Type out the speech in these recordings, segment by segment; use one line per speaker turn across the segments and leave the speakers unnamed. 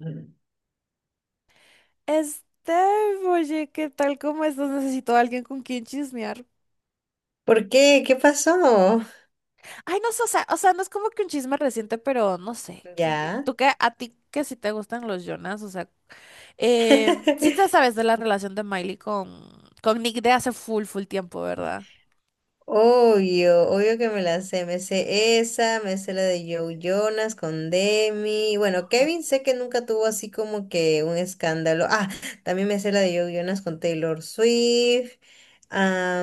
Mm.
Este, oye, ¿qué tal? ¿Cómo estás? Necesito a alguien con quien chismear.
¿Por qué? ¿Qué pasó?
Ay, no sé, o sea, no es como que un chisme reciente, pero no sé.
Ya.
¿Tú qué? ¿A ti que si te gustan los Jonas? O sea, sí te sabes de la relación de Miley con Nick de hace full, full tiempo, ¿verdad?
Obvio, obvio que me la sé. Me sé esa, me sé la de Joe Jonas con Demi. Bueno, Kevin sé que nunca tuvo así como que un escándalo. También me sé la de Joe Jonas con Taylor Swift.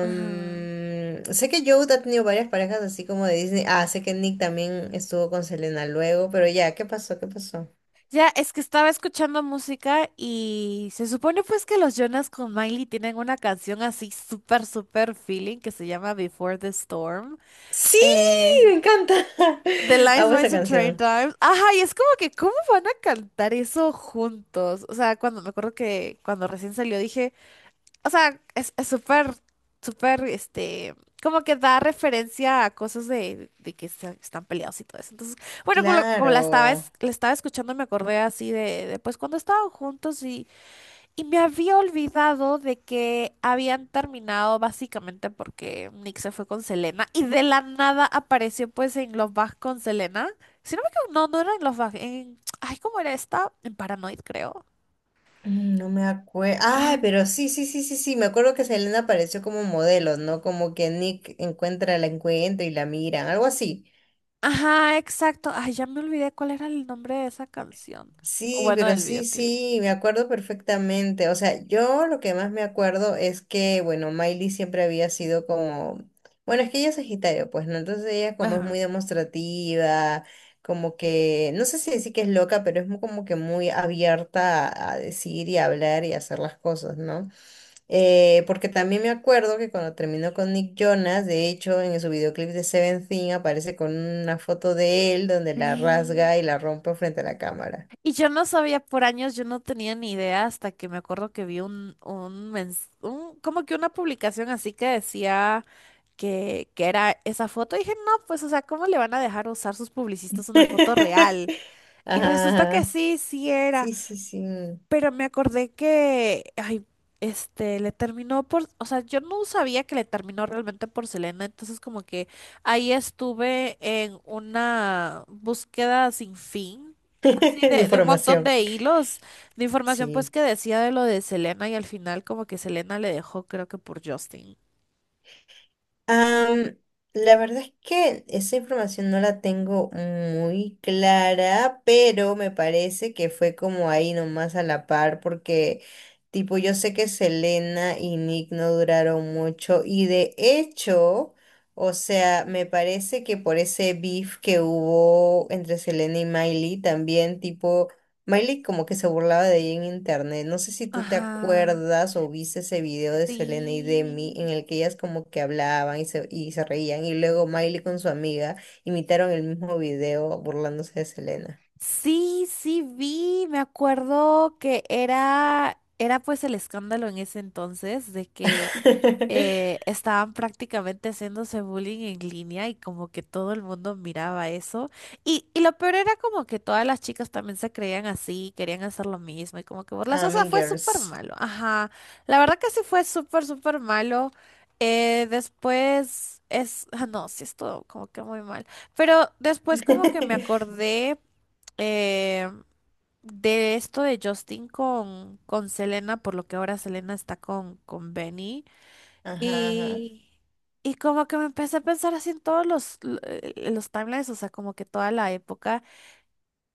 Ajá.
Sé que Joe ha tenido varias parejas así como de Disney. Sé que Nick también estuvo con Selena luego, pero ya, ¿qué pasó? ¿Qué pasó?
Ya, es que estaba escuchando música y se supone pues que los Jonas con Miley tienen una canción así súper, súper feeling que se llama Before the Storm.
Sí,
Eh,
me encanta.
The Lines,
Amo esa
Mice and Train
canción.
Times. Ajá, y es como que, ¿cómo van a cantar eso juntos? O sea, cuando me acuerdo que cuando recién salió dije, o sea, es súper, súper, como que da referencia a cosas de que están peleados y todo eso. Entonces, bueno, como, como la estaba,
Claro,
la estaba escuchando, me acordé así pues cuando estaban juntos y me había olvidado de que habían terminado básicamente porque Nick se fue con Selena y de la nada apareció pues en Love Bug con Selena. Si no me equivoco, no, no era en Love Bug, en... Ay, ¿cómo era esta? En Paranoid, creo.
mm, no me acuerdo.
Ah,
Ay, pero sí, sí, sí, sí, sí, me acuerdo que Selena apareció como modelo, ¿no? Como que Nick encuentra, la encuentra y la miran, algo así.
ajá, exacto. Ay, ya me olvidé cuál era el nombre de esa canción. O
Sí,
bueno,
pero
del
sí,
videoclip.
sí, me acuerdo perfectamente. O sea, yo lo que más me acuerdo es que, bueno, Miley siempre había sido como, bueno, es que ella es Sagitario, pues, ¿no? Entonces ella como es
Ajá.
muy demostrativa, como que, no sé si decir que es loca, pero es mu- como que muy abierta a decir y a hablar y a hacer las cosas, ¿no? Porque también me acuerdo que cuando terminó con Nick Jonas, de hecho, en su videoclip de Seventeen aparece con una foto de él donde la
Sí.
rasga y la rompe frente a la cámara.
Y yo no sabía por años, yo no tenía ni idea hasta que me acuerdo que vi como que una publicación así que decía que era esa foto. Y dije, no, pues, o sea, ¿cómo le van a dejar usar sus publicistas una foto real? Y
Ajá,
resulta que
ajá.
sí, sí era.
Sí, sí, sí.
Pero me acordé que, ay, le terminó por, o sea, yo no sabía que le terminó realmente por Selena, entonces como que ahí estuve en una búsqueda sin fin, así
De
de un montón
información.
de hilos de información pues
Sí.
que decía de lo de Selena y al final como que Selena le dejó creo que por Justin.
Am, la verdad es que esa información no la tengo muy clara, pero me parece que fue como ahí nomás a la par, porque tipo yo sé que Selena y Nick no duraron mucho y de hecho, o sea, me parece que por ese beef que hubo entre Selena y Miley también, tipo... Miley como que se burlaba de ella en internet. No sé si tú te
Ajá,
acuerdas o viste ese video de Selena y Demi en
sí.
el que ellas como que hablaban y se reían y luego Miley con su amiga imitaron el mismo video burlándose de Selena.
Sí, sí vi, me acuerdo que era pues el escándalo en ese entonces de que estaban prácticamente haciéndose bullying en línea y como que todo el mundo miraba eso. Y lo peor era como que todas las chicas también se creían así, querían hacer lo mismo y como que burlas.
Ah,
O sea,
Mean
fue súper
Girls.
malo. Ajá. La verdad que sí fue súper, súper malo. Después es... Ah, no, sí estuvo como que muy mal. Pero después como que me acordé eh, de esto de Justin con Selena, por lo que ahora Selena está con Benny.
Ajá, ajá.
Y, y como que me empecé a pensar así en todos los timelines, o sea, como que toda la época.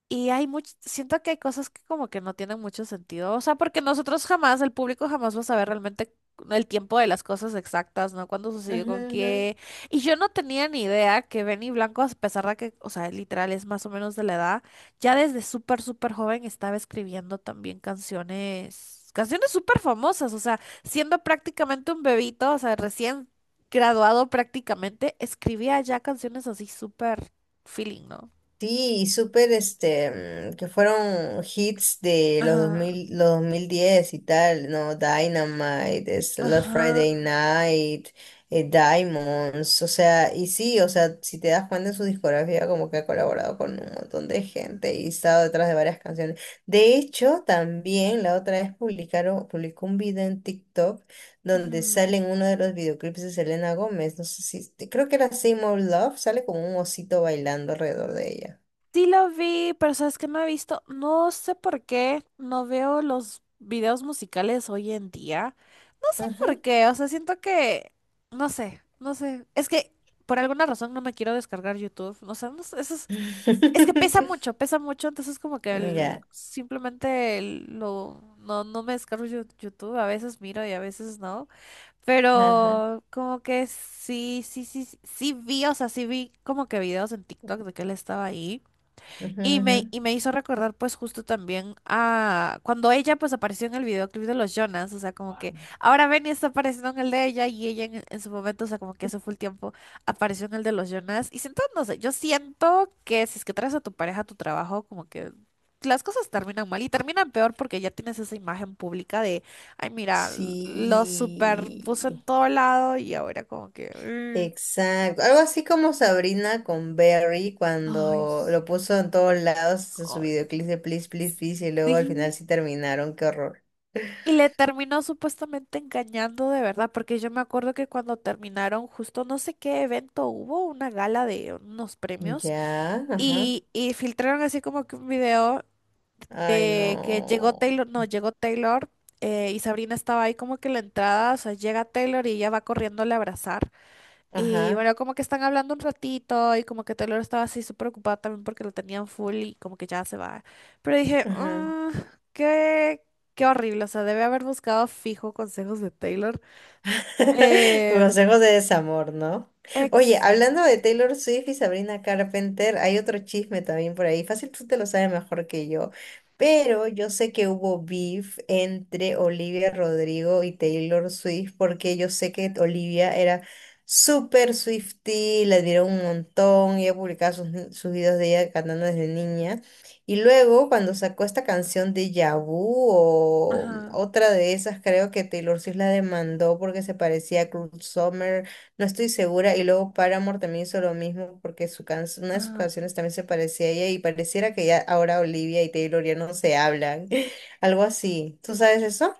Y hay mucho, siento que hay cosas que como que no tienen mucho sentido, o sea, porque nosotros jamás, el público jamás va a saber realmente el tiempo de las cosas exactas, ¿no? Cuándo sucedió
Ujú,
con
ujú.
qué. Y yo no tenía ni idea que Benny Blanco, a pesar de que, o sea, literal es más o menos de la edad, ya desde súper, súper joven estaba escribiendo también canciones, canciones súper famosas, o sea, siendo prácticamente un bebito, o sea, recién graduado prácticamente, escribía ya canciones así súper feeling, ¿no?
Sí, y súper, este, mm, que fueron hits de los dos
Ajá.
mil los 2010 y tal, ¿no? Dynamite, es Last
Ajá.
Friday Night, Diamonds, o sea, y sí, o sea, si te das cuenta en su discografía, como que ha colaborado con un montón de gente y estado detrás de varias canciones. De hecho, también la otra vez publicaron, publicó un video en TikTok donde
Ujú.
sale en uno de los videoclips de Selena Gómez, no sé si, creo que era Same Old Love, sale como un osito bailando alrededor de ella.
Sí lo vi, pero sabes que no he visto, no sé por qué, no veo los videos musicales hoy en día. No sé
Ajá.
por qué, o sea, siento que, no sé, no sé. Es que por alguna razón no me quiero descargar YouTube, no sé, no sé, eso es que pesa mucho, entonces como que
Ya.
no, no me descargo YouTube, a veces miro y a veces no.
Ajá.
Pero como que sí, sí, sí, sí sí vi, o sea, sí vi como que videos en TikTok de que él estaba ahí.
Ujú,
Y me,
ujú.
y me hizo recordar pues justo también a cuando ella pues apareció en el videoclip de los Jonas, o sea, como que ahora Benny está apareciendo en el de ella y ella en su momento, o sea, como que hace full tiempo apareció en el de los Jonas. Y siento, no sé, yo siento que si es que traes a tu pareja a tu trabajo, como que las cosas terminan mal y terminan peor porque ya tienes esa imagen pública de, ay, mira, lo super puso
Sí.
en todo lado y ahora como que... Mm.
Exacto. Algo así como Sabrina con Berry
Ay,
cuando
sí.
lo puso en todos lados en su
Ay.
videoclip de Please, Please, Please y luego al final
Sí.
sí terminaron. Qué horror.
Y le terminó supuestamente engañando de verdad, porque yo me acuerdo que cuando terminaron justo no sé qué evento hubo, una gala de unos premios,
Ya. Ajá.
y filtraron así como que un video
Ay,
de que llegó
no.
Taylor, no, llegó Taylor, y Sabrina estaba ahí como que en la entrada, o sea, llega Taylor y ella va corriendo a abrazar. Y
Ajá.
bueno, como que están hablando un ratito y como que Taylor estaba así súper ocupada también porque lo tenían full y como que ya se va. Pero dije,
Ajá.
"Mm, qué, qué horrible, o sea, debe haber buscado fijo consejos de Taylor. Eh,
Consejos de desamor, ¿no? Oye,
exa.
hablando de Taylor Swift y Sabrina Carpenter, hay otro chisme también por ahí. Fácil, tú te lo sabes mejor que yo. Pero yo sé que hubo beef entre Olivia Rodrigo y Taylor Swift porque yo sé que Olivia era súper Swiftie, la admiró un montón, ella publicaba sus, sus videos de ella cantando desde niña. Y luego, cuando sacó esta canción de Yabu o
Ajá,
otra de esas, creo que Taylor Swift la demandó porque se parecía a Cruel Summer, no estoy segura. Y luego Paramore también hizo lo mismo porque su can- una de sus
ajá.
canciones también se parecía a ella y pareciera que ya ahora Olivia y Taylor ya no se hablan. Algo así. ¿Tú sabes eso?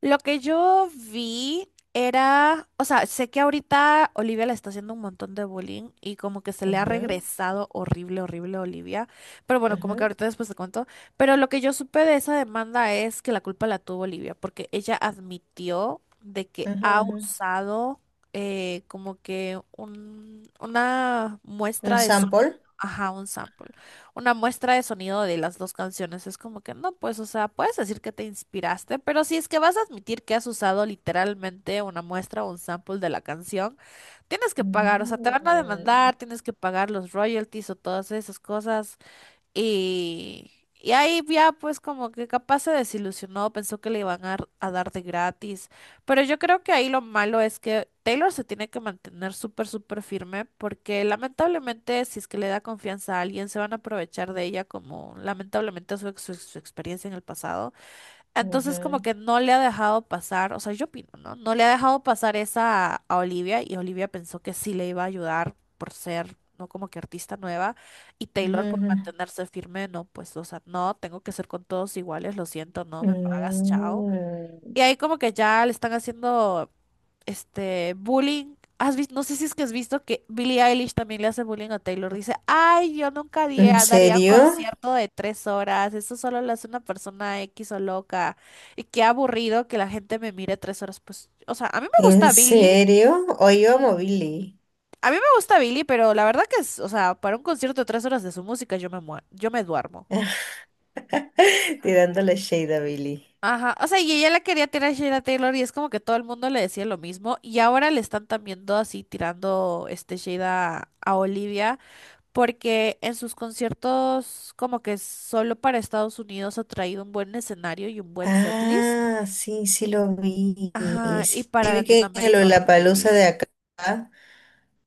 Lo que yo vi era, o sea, sé que ahorita Olivia le está haciendo un montón de bullying y como que se le ha
Ujú,
regresado horrible, horrible a Olivia, pero bueno, como que
ujú,
ahorita después te cuento, pero lo que yo supe de esa demanda es que la culpa la tuvo Olivia, porque ella admitió de que
ujú,
ha
ujú.
usado como que una muestra
¿Un
de sonido,
sample?
ajá, un sample una muestra de sonido de las dos canciones. Es como que no, pues, o sea, puedes decir que te inspiraste, pero si es que vas a admitir que has usado literalmente una muestra o un sample de la canción, tienes que pagar, o sea, te van a
Mm,
demandar, tienes que pagar los royalties o todas esas cosas. Y ahí ya pues como que capaz se desilusionó, pensó que le iban a dar de gratis. Pero yo creo que ahí lo malo es que Taylor se tiene que mantener súper, súper firme porque lamentablemente si es que le da confianza a alguien, se van a aprovechar de ella como lamentablemente su, ex- su su experiencia en el pasado. Entonces como
ujú,
que no le ha dejado pasar, o sea, yo opino, ¿no? No le ha dejado pasar esa a Olivia y Olivia pensó que sí le iba a ayudar por ser, ¿no? Como que artista nueva y
ujú,
Taylor por
ujú.
mantenerse firme, no, pues, o sea, no, tengo que ser con todos iguales, lo siento, no, me pagas, chao. Y
Mm.
ahí como que ya le están haciendo bullying. Has visto, no sé si es que has visto que Billie Eilish también le hace bullying a Taylor. Dice, ay, yo nunca
¿En
daría un
serio?
concierto de 3 horas. Eso solo lo hace una persona X o loca. Y qué aburrido que la gente me mire 3 horas. Pues, o sea, a mí me
¿En
gusta Billie.
serio? Hoy amo a
Sí.
Billy,
A mí me gusta Billie, pero la verdad que es, o sea, para un concierto de 3 horas de su música yo me duermo.
tirándole shade a Billy.
Ajá, o sea, y ella la quería tirar a Sheila Taylor y es como que todo el mundo le decía lo mismo y ahora le están también todo así tirando este Sheila a Olivia porque en sus conciertos como que solo para Estados Unidos ha traído un buen escenario y un buen setlist.
Ah, sí, sí lo vi.
Ajá, y
Sí, sí
para
vi que en el
Latinoamérica
Lollapalooza de
horrible.
acá.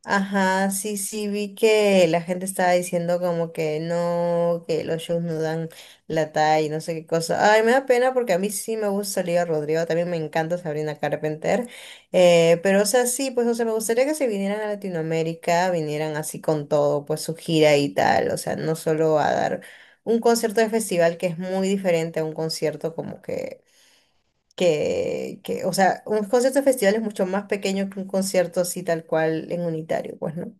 Ajá, sí, sí, vi que la gente estaba diciendo como que no, que los shows no dan la talla y no sé qué cosa. Ay, me da pena porque a mí sí me gusta Olivia Rodrigo, también me encanta Sabrina Carpenter. Pero, o sea, sí, pues, o sea, me gustaría que se vinieran a Latinoamérica, vinieran así con todo, pues su gira y tal. O sea, no solo a dar un concierto de festival que es muy diferente a un concierto como que o sea, un concierto de festival es mucho más pequeño que un concierto así tal cual en unitario, pues, ¿no?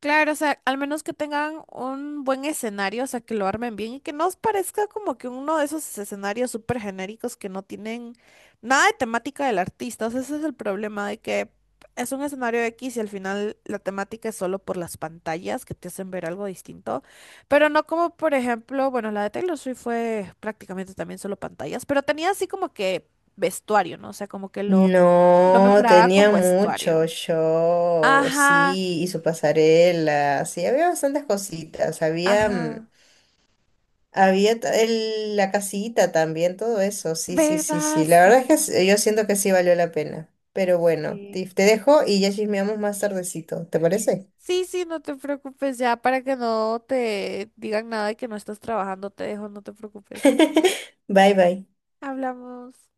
Claro, o sea, al menos que tengan un buen escenario, o sea, que lo armen bien y que no os parezca como que uno de esos escenarios súper genéricos que no tienen nada de temática del artista. O sea, ese es el problema de que es un escenario X y al final la temática es solo por las pantallas que te hacen ver algo distinto, pero no como, por ejemplo, bueno, la de Taylor Swift fue prácticamente también solo pantallas, pero tenía así como que vestuario, ¿no? O sea, como que lo
No,
mejoraba
tenía
con
mucho
vestuario.
show,
Ajá,
sí, y su pasarela, sí, había bastantes cositas, había, mm,
ajá.
había ta- el- la casita también, todo eso, sí, sí, sí,
¿Verdad?
sí, la verdad es que
Sí,
s- yo siento que sí valió la pena, pero bueno,
sí.
Tiff, te dejo y ya chismeamos más tardecito, ¿te parece?
Sí, sí, no te preocupes ya para que no te digan nada de que no estás trabajando, te dejo, no te preocupes.
Bye, bye.
Hablamos.